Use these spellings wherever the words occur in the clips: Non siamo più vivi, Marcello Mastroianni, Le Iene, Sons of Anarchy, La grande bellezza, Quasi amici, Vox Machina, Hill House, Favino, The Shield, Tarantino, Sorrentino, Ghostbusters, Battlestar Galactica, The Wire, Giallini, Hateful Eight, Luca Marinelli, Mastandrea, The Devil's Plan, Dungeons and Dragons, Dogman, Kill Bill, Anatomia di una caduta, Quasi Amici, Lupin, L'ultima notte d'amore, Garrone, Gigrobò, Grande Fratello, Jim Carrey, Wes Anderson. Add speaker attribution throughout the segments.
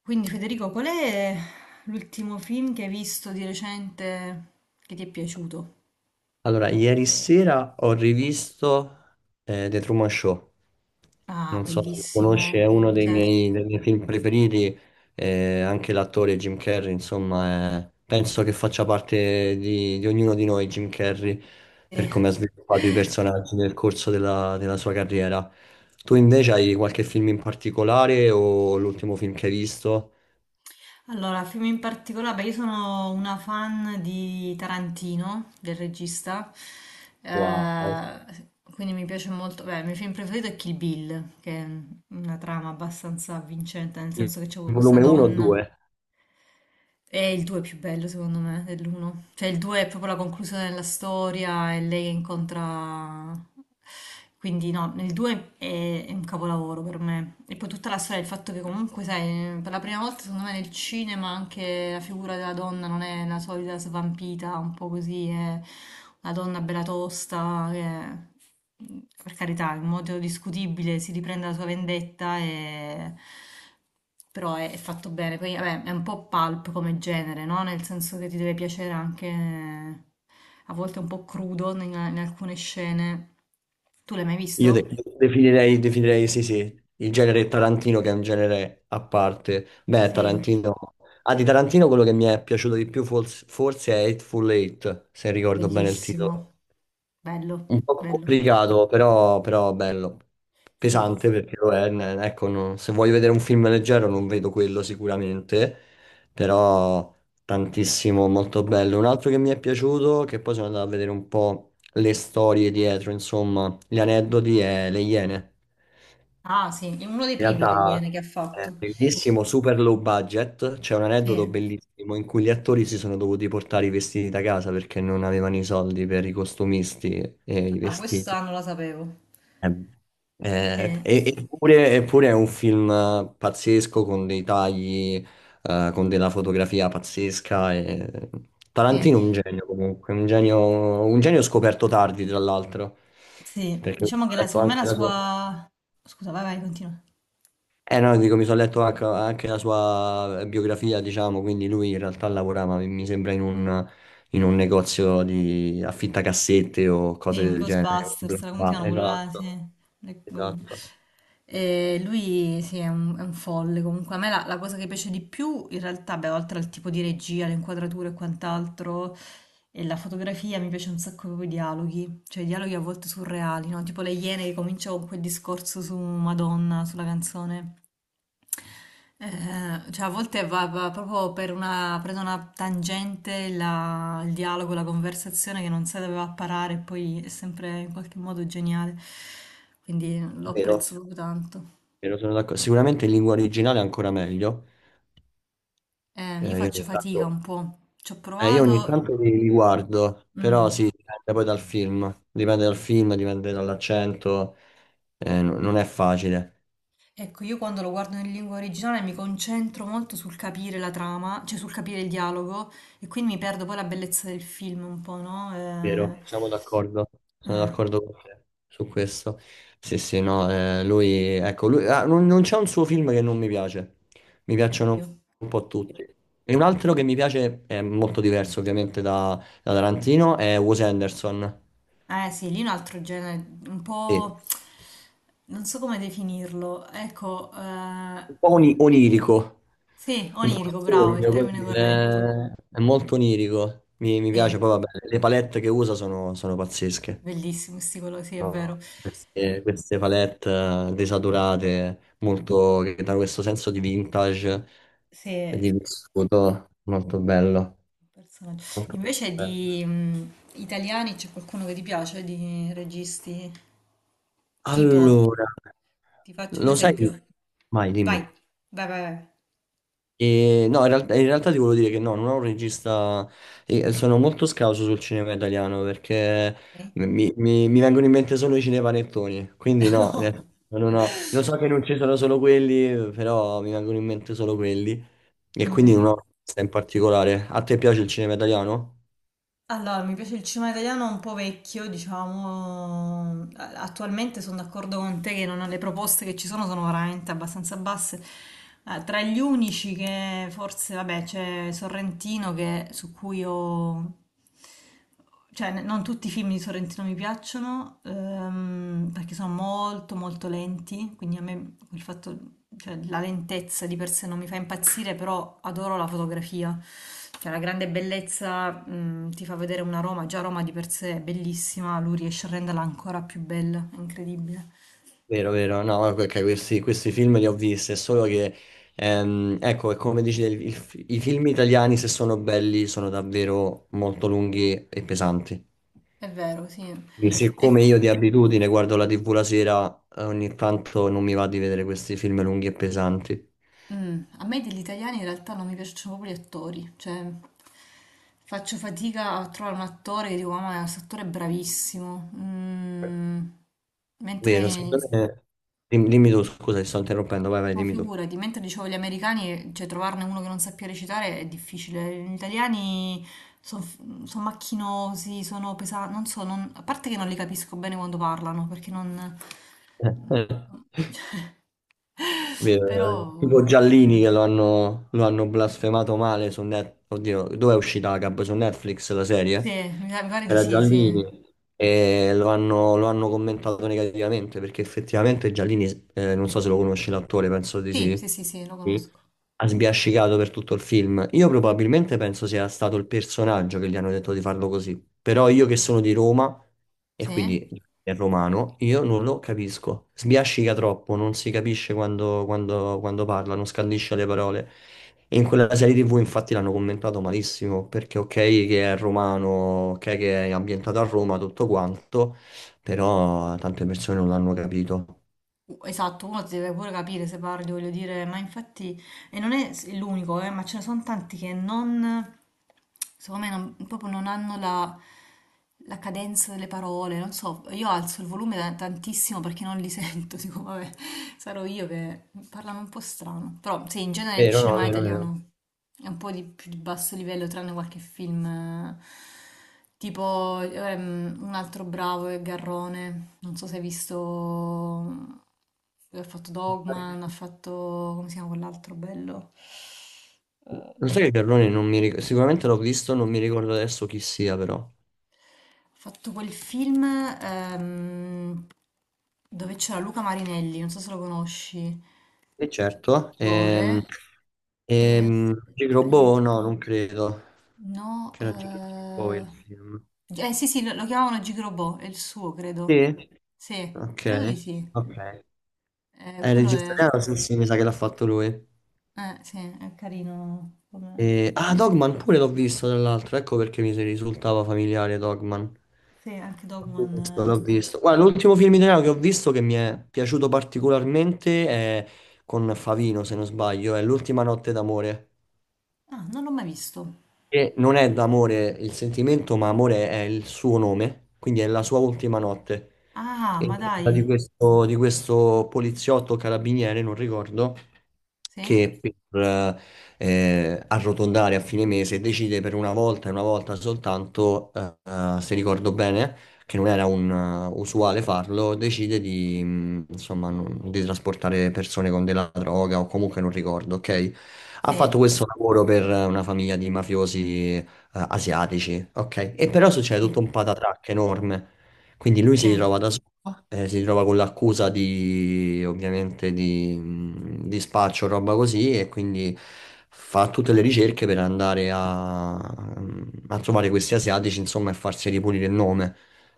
Speaker 1: Quindi Federico, qual è l'ultimo film che hai visto di recente che ti è piaciuto?
Speaker 2: Allora, ieri sera ho rivisto The Truman Show.
Speaker 1: Ah,
Speaker 2: Non so se lo conosci,
Speaker 1: bellissimo,
Speaker 2: è uno dei
Speaker 1: certo.
Speaker 2: miei, dei miei film preferiti. Anche l'attore Jim Carrey, insomma, penso che faccia parte di ognuno di noi, Jim Carrey, per
Speaker 1: Eh.
Speaker 2: come ha sviluppato i personaggi nel corso della sua carriera. Tu invece hai qualche film in particolare o l'ultimo film che hai visto?
Speaker 1: Allora, film in particolare, beh, io sono una fan di Tarantino, del regista,
Speaker 2: Wow.
Speaker 1: eh, quindi mi piace molto. Beh, il mio film preferito è Kill Bill, che è una trama abbastanza avvincente, nel
Speaker 2: Il
Speaker 1: senso che c'è questa
Speaker 2: volume 1 o
Speaker 1: donna.
Speaker 2: 2?
Speaker 1: È il 2 più bello secondo me dell'1. Cioè il 2 è proprio la conclusione della storia e lei incontra... Quindi no, il 2 è un capolavoro per me. E poi tutta la storia, il fatto che comunque, sai, per la prima volta secondo me nel cinema anche la figura della donna non è la solita svampita, un po' così, è una donna bella tosta, che, per carità, in modo discutibile si riprende la sua vendetta, e però è fatto bene. Poi vabbè, è un po' pulp come genere, no? Nel senso che ti deve piacere anche, a volte un po' crudo in alcune scene. Tu l'hai mai
Speaker 2: Io
Speaker 1: visto?
Speaker 2: de- definirei, definirei, sì, sì, il genere Tarantino che è un genere a parte. Beh,
Speaker 1: Sì,
Speaker 2: Tarantino. Ah, di Tarantino quello che mi è piaciuto di più forse è Hateful Eight, se ricordo bene il
Speaker 1: bellissimo,
Speaker 2: titolo.
Speaker 1: bello,
Speaker 2: Un po'
Speaker 1: bello.
Speaker 2: complicato, però bello.
Speaker 1: Sì.
Speaker 2: Pesante perché lo è. Ecco, se voglio vedere un film leggero non vedo quello sicuramente, però tantissimo, molto bello. Un altro che mi è piaciuto, che poi sono andato a vedere un po' le storie dietro, insomma, gli aneddoti è Le Iene.
Speaker 1: Ah, sì, è uno dei
Speaker 2: In
Speaker 1: primi degli Iene
Speaker 2: realtà
Speaker 1: che ha
Speaker 2: è
Speaker 1: fatto.
Speaker 2: bellissimo, super low budget. C'è un aneddoto
Speaker 1: Sì.
Speaker 2: bellissimo in cui gli attori si sono dovuti portare i vestiti da casa perché non avevano i soldi per i costumisti e i
Speaker 1: Ah,
Speaker 2: vestiti.
Speaker 1: questa non la sapevo.
Speaker 2: Eh, eh,
Speaker 1: Eh,
Speaker 2: e- eppure, eppure è un film pazzesco con dei tagli, con della fotografia pazzesca.
Speaker 1: sì,
Speaker 2: Tarantino è un genio comunque, un genio scoperto tardi tra l'altro,
Speaker 1: sì,
Speaker 2: perché mi
Speaker 1: diciamo
Speaker 2: sono
Speaker 1: che
Speaker 2: letto
Speaker 1: secondo me
Speaker 2: anche
Speaker 1: la
Speaker 2: la sua.
Speaker 1: sua... Scusa, vai, vai, continua.
Speaker 2: Eh no, dico, mi sono letto anche, la sua biografia, diciamo, quindi lui in realtà lavorava, mi sembra, in un negozio di affittacassette o cose
Speaker 1: Sì, un
Speaker 2: del genere. Bla,
Speaker 1: Ghostbusters, come si
Speaker 2: bla,
Speaker 1: chiama quello là? Sì.
Speaker 2: esatto,
Speaker 1: Le- col-
Speaker 2: esatto.
Speaker 1: E lui sì, è un folle comunque. A me la cosa che piace di più, in realtà, beh, oltre al tipo di regia, le inquadrature e quant'altro, e la fotografia, mi piace un sacco proprio i dialoghi, cioè i dialoghi a volte surreali, no? Tipo Le Iene, che comincia con quel discorso su Madonna, sulla canzone. Cioè a volte va proprio per una, prende una tangente il dialogo, la conversazione che non si doveva parare, e poi è sempre in qualche modo geniale. Quindi lo
Speaker 2: Vero?
Speaker 1: apprezzo proprio tanto.
Speaker 2: Vero, sono d'accordo. Sicuramente in lingua originale è ancora meglio.
Speaker 1: Io
Speaker 2: Eh, io,
Speaker 1: faccio
Speaker 2: ogni
Speaker 1: fatica
Speaker 2: tanto,
Speaker 1: un po', ci ho
Speaker 2: eh, io ogni
Speaker 1: provato.
Speaker 2: tanto li guardo, però
Speaker 1: Mm.
Speaker 2: sì, dipende poi dal film. Dipende dal film, dipende dall'accento. Non è facile.
Speaker 1: Ecco, io quando lo guardo in lingua originale mi concentro molto sul capire la trama, cioè sul capire il dialogo, e quindi mi perdo poi la bellezza del film un po', no?
Speaker 2: Vero, siamo d'accordo. Sono
Speaker 1: Eh,
Speaker 2: d'accordo con te su questo. Sì, sì, no, lui, ecco, lui, ah, non c'è un suo film che non mi piace. Mi piacciono
Speaker 1: io.
Speaker 2: un po' tutti. E un altro che mi piace, è molto diverso ovviamente da Tarantino, è Wes Anderson.
Speaker 1: Eh sì, lì è un altro genere, un
Speaker 2: Sì.
Speaker 1: po'... non so come definirlo. Ecco,
Speaker 2: Un po' onirico,
Speaker 1: sì,
Speaker 2: un po'
Speaker 1: onirico, bravo, è il
Speaker 2: sogno, così,
Speaker 1: termine corretto.
Speaker 2: è molto onirico, mi piace,
Speaker 1: Sì,
Speaker 2: poi vabbè, le palette che usa sono pazzesche,
Speaker 1: bellissimo, sti colori, sì, è vero.
Speaker 2: No. queste,
Speaker 1: Eh,
Speaker 2: queste palette desaturate, molto, che danno questo senso di vintage,
Speaker 1: sì,
Speaker 2: e
Speaker 1: è
Speaker 2: di vissuto, molto bello,
Speaker 1: un personaggio.
Speaker 2: molto
Speaker 1: Invece
Speaker 2: bello.
Speaker 1: di italiani c'è qualcuno che ti piace, di registi? Tipo,
Speaker 2: Allora,
Speaker 1: ti faccio un
Speaker 2: lo
Speaker 1: esempio.
Speaker 2: sai, vai,
Speaker 1: Vai,
Speaker 2: dimmi.
Speaker 1: vai, vai, vai.
Speaker 2: E, no, in realtà ti volevo dire che no, non ho un regista, e sono molto scarso sul cinema italiano perché
Speaker 1: Eh?
Speaker 2: mi vengono in mente solo i cinepanettoni, quindi no,
Speaker 1: No.
Speaker 2: ne- non ho- lo so che non ci sono solo quelli, però mi vengono in mente solo quelli e quindi non
Speaker 1: Mm.
Speaker 2: ho un regista in particolare. A te piace il cinema italiano?
Speaker 1: Allora, mi piace il cinema italiano un po' vecchio, diciamo. Attualmente sono d'accordo con te che le proposte che ci sono sono veramente abbastanza basse. Tra gli unici che forse, vabbè, c'è Sorrentino su cui ho, cioè, non tutti i film di Sorrentino mi piacciono, perché sono molto molto lenti. Quindi a me il fatto, cioè, la lentezza di per sé non mi fa impazzire, però adoro la fotografia. Cioè, La Grande Bellezza, mm, ti fa vedere una Roma, già Roma di per sé è bellissima, lui riesce a renderla ancora più bella, è incredibile.
Speaker 2: Vero, vero, no, ok, questi film li ho visti, è solo che, ecco, è come dici, i film italiani se sono belli sono davvero molto lunghi e pesanti.
Speaker 1: È vero, sì.
Speaker 2: E siccome io
Speaker 1: Ecco,
Speaker 2: di abitudine guardo la TV la sera, ogni tanto non mi va di vedere questi film lunghi e pesanti.
Speaker 1: mm, a me degli italiani in realtà non mi piacciono proprio gli attori, cioè faccio fatica a trovare un attore che dico, ma questo attore è bravissimo. Mm,
Speaker 2: Vero,
Speaker 1: mentre,
Speaker 2: secondo me. Dimmi, tu, scusa, ti sto interrompendo, vai, vai,
Speaker 1: no,
Speaker 2: dimmi tu.
Speaker 1: figurati, mentre dicevo gli americani, cioè trovarne uno che non sappia recitare è difficile. Gli italiani sono macchinosi, sono pesanti, non so, a parte che non li capisco bene quando parlano, perché non...
Speaker 2: Eh,
Speaker 1: Però,
Speaker 2: Vero, tipo Giallini che lo hanno blasfemato male su Netflix. Oddio, dove è uscita la Gab? Su Netflix la
Speaker 1: sì,
Speaker 2: serie?
Speaker 1: mi pare di
Speaker 2: Era
Speaker 1: sì, sì.
Speaker 2: Giallini. E lo hanno commentato negativamente perché effettivamente Giallini, non so se lo conosci l'attore, penso di
Speaker 1: Sì, sì,
Speaker 2: sì.
Speaker 1: sì, sì, lo
Speaker 2: Sì,
Speaker 1: conosco.
Speaker 2: ha sbiascicato per tutto il film. Io probabilmente penso sia stato il personaggio che gli hanno detto di farlo così. Però io che sono di Roma e
Speaker 1: Sì.
Speaker 2: quindi è romano, io non lo capisco. Sbiascica troppo, non si capisce quando parla, non scandisce le parole. E in quella serie TV infatti l'hanno commentato malissimo, perché ok che è romano, ok che è ambientato a Roma, tutto quanto, però tante persone non l'hanno capito.
Speaker 1: Esatto, uno deve pure capire se parli, voglio dire, ma infatti, e non è l'unico, ma ce ne sono tanti che non, secondo me, proprio non hanno la cadenza delle parole, non so, io alzo il volume tantissimo perché non li sento, dico, vabbè, sarò io, che parlano un po' strano. Però sì, in genere il
Speaker 2: Vero, no,
Speaker 1: cinema
Speaker 2: vero, vero.
Speaker 1: italiano è un po' di più di basso livello, tranne qualche film, tipo un altro bravo è Garrone. Non so se hai visto. Lui ha fatto Dogman, ha fatto... come si chiama quell'altro bello?
Speaker 2: Non so che Carlone non mi ricordo, sicuramente l'ho visto, non mi ricordo adesso chi sia però.
Speaker 1: Ha fatto quel film, dove c'era Luca Marinelli, non so se lo conosci,
Speaker 2: E certo,
Speaker 1: l'attore. E
Speaker 2: Magic
Speaker 1: aspetta.
Speaker 2: Robot no, non credo
Speaker 1: No,
Speaker 2: che era Magic Robot il film.
Speaker 1: sì, sì, lo chiamavano Gigrobò, è il suo, credo.
Speaker 2: Sì?
Speaker 1: Sì,
Speaker 2: Ok,
Speaker 1: credo di sì.
Speaker 2: ok. Il
Speaker 1: Quello
Speaker 2: regista
Speaker 1: è...
Speaker 2: italiano, sì, sì, mi sa che l'ha fatto lui.
Speaker 1: Sì, è carino come...
Speaker 2: Ah, Dogman pure l'ho visto, tra l'altro, ecco perché mi si risultava familiare Dogman.
Speaker 1: Sì, anche
Speaker 2: L'ho
Speaker 1: Dogman...
Speaker 2: visto,
Speaker 1: eh.
Speaker 2: l'ho visto. Guarda, l'ultimo film italiano che ho visto che mi è piaciuto particolarmente è con Favino, se non sbaglio, è L'ultima notte d'amore.
Speaker 1: Ah, non l'ho mai visto.
Speaker 2: Che non è d'amore il sentimento, ma amore è il suo nome, quindi è la sua ultima notte.
Speaker 1: Ah,
Speaker 2: E
Speaker 1: ma dai.
Speaker 2: parla di questo, poliziotto carabiniere, non ricordo,
Speaker 1: Sì?
Speaker 2: che per arrotondare a fine mese decide per una volta e una volta soltanto, se ricordo bene che non era un, usuale farlo, decide di, insomma, di trasportare persone con della droga o comunque non ricordo, ok? Ha
Speaker 1: Sì?
Speaker 2: fatto questo lavoro per una famiglia di mafiosi asiatici, ok? E però succede
Speaker 1: Sì,
Speaker 2: tutto un patatrac enorme. Quindi lui si
Speaker 1: sì,
Speaker 2: ritrova da solo, si ritrova con l'accusa di, ovviamente, di spaccio, roba così, e quindi fa tutte le ricerche per andare mm, a trovare questi asiatici, insomma, e farsi ripulire il nome.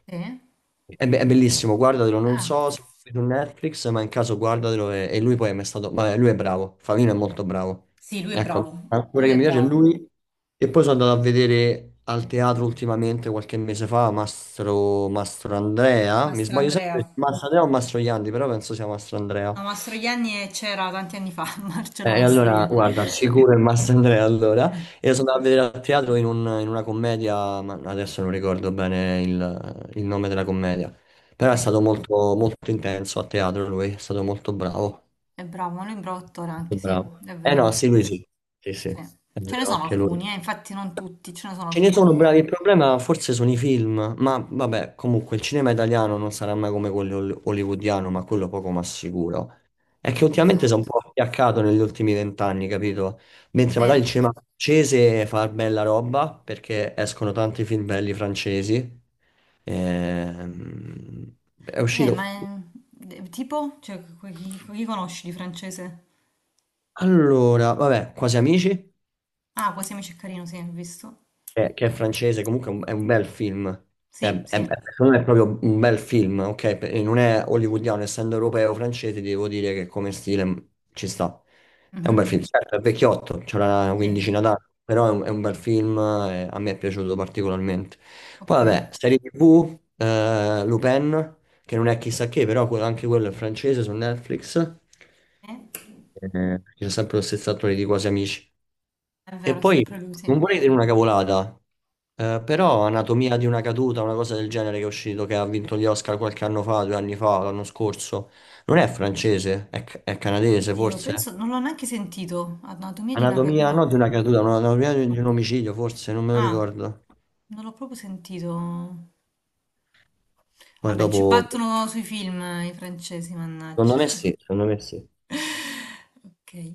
Speaker 1: sì.
Speaker 2: È bellissimo, guardatelo, non
Speaker 1: Ah,
Speaker 2: so se è su Netflix, ma in caso guardatelo e lui poi è mai stato, vabbè, lui è bravo, Favino è molto bravo.
Speaker 1: sì, lui è
Speaker 2: Ecco,
Speaker 1: bravo.
Speaker 2: l'attore
Speaker 1: Lui
Speaker 2: che
Speaker 1: è
Speaker 2: mi piace è
Speaker 1: bravo.
Speaker 2: lui e poi sono andato a vedere al teatro ultimamente, qualche mese fa, Mastro Andrea, mi
Speaker 1: Mastro
Speaker 2: sbaglio
Speaker 1: Andrea.
Speaker 2: sempre, Mastro Andrea o Mastro Iandi, però penso sia Mastro Andrea.
Speaker 1: No, Mastroianni, c'era tanti anni fa, Marcello
Speaker 2: E allora,
Speaker 1: Mastroianni.
Speaker 2: guarda, sicuro il Mastandrea allora.
Speaker 1: Eh,
Speaker 2: Io sono andato a
Speaker 1: sì,
Speaker 2: vedere al teatro in una commedia, ma adesso non ricordo bene il nome della commedia. Però è
Speaker 1: sì.
Speaker 2: stato molto, molto intenso a teatro lui, è stato molto bravo.
Speaker 1: È bravo, un libro d'autore
Speaker 2: Molto
Speaker 1: anche, sì,
Speaker 2: bravo.
Speaker 1: è
Speaker 2: Eh no,
Speaker 1: vero.
Speaker 2: sì, lui sì. Sì, sì,
Speaker 1: Sì.
Speaker 2: è
Speaker 1: Ce ne
Speaker 2: vero,
Speaker 1: sono
Speaker 2: anche lui.
Speaker 1: alcuni, infatti non tutti, ce ne sono
Speaker 2: Ce ne
Speaker 1: alcuni.
Speaker 2: sono bravi, il problema forse sono i film, ma vabbè, comunque il cinema italiano non sarà mai come quello hollywoodiano, ma quello poco ma sicuro. È che ultimamente si è un
Speaker 1: Esatto.
Speaker 2: po' appiaccato negli ultimi vent'anni, capito? Mentre
Speaker 1: Sì.
Speaker 2: magari il cinema francese fa bella roba perché escono tanti film belli francesi. Ehm, è
Speaker 1: Ma
Speaker 2: uscito.
Speaker 1: tipo, cioè, chi, chi conosci di francese?
Speaker 2: Allora, vabbè, Quasi Amici.
Speaker 1: Ah, Quasi Amici è carino, sì, ho visto.
Speaker 2: Che è francese, comunque è un bel film.
Speaker 1: Sì, sì.
Speaker 2: Secondo me è proprio un bel film, ok? Non è hollywoodiano, essendo europeo francese, devo dire che come stile ci sta. È un bel
Speaker 1: Mhm.
Speaker 2: film, certo, è vecchiotto, c'era una
Speaker 1: Sì,
Speaker 2: quindicina d'anni, però è un bel film, a me è piaciuto particolarmente. Poi
Speaker 1: ok.
Speaker 2: vabbè, serie TV, Lupin, che non è chissà che, però anche quello è francese su Netflix.
Speaker 1: Eh,
Speaker 2: C'è sempre lo stesso attore di Quasi Amici.
Speaker 1: è
Speaker 2: E
Speaker 1: vero, è
Speaker 2: poi
Speaker 1: sempre lui, sì.
Speaker 2: non vorrei dire una cavolata, però Anatomia di una caduta, una cosa del genere che è uscito, che ha vinto gli Oscar qualche anno fa, 2 anni fa, l'anno scorso, non è francese, è canadese
Speaker 1: Oddio,
Speaker 2: forse.
Speaker 1: penso, non l'ho neanche sentito. Anatomia di una caduta.
Speaker 2: Anatomia, no,
Speaker 1: No.
Speaker 2: di una caduta, no, anatomia di un omicidio forse, non me lo
Speaker 1: Ah,
Speaker 2: ricordo.
Speaker 1: non l'ho proprio sentito.
Speaker 2: Poi
Speaker 1: Vabbè, ci
Speaker 2: dopo,
Speaker 1: battono sui film, i francesi, mannaggia.
Speaker 2: secondo me sì, secondo me sì.
Speaker 1: Okay.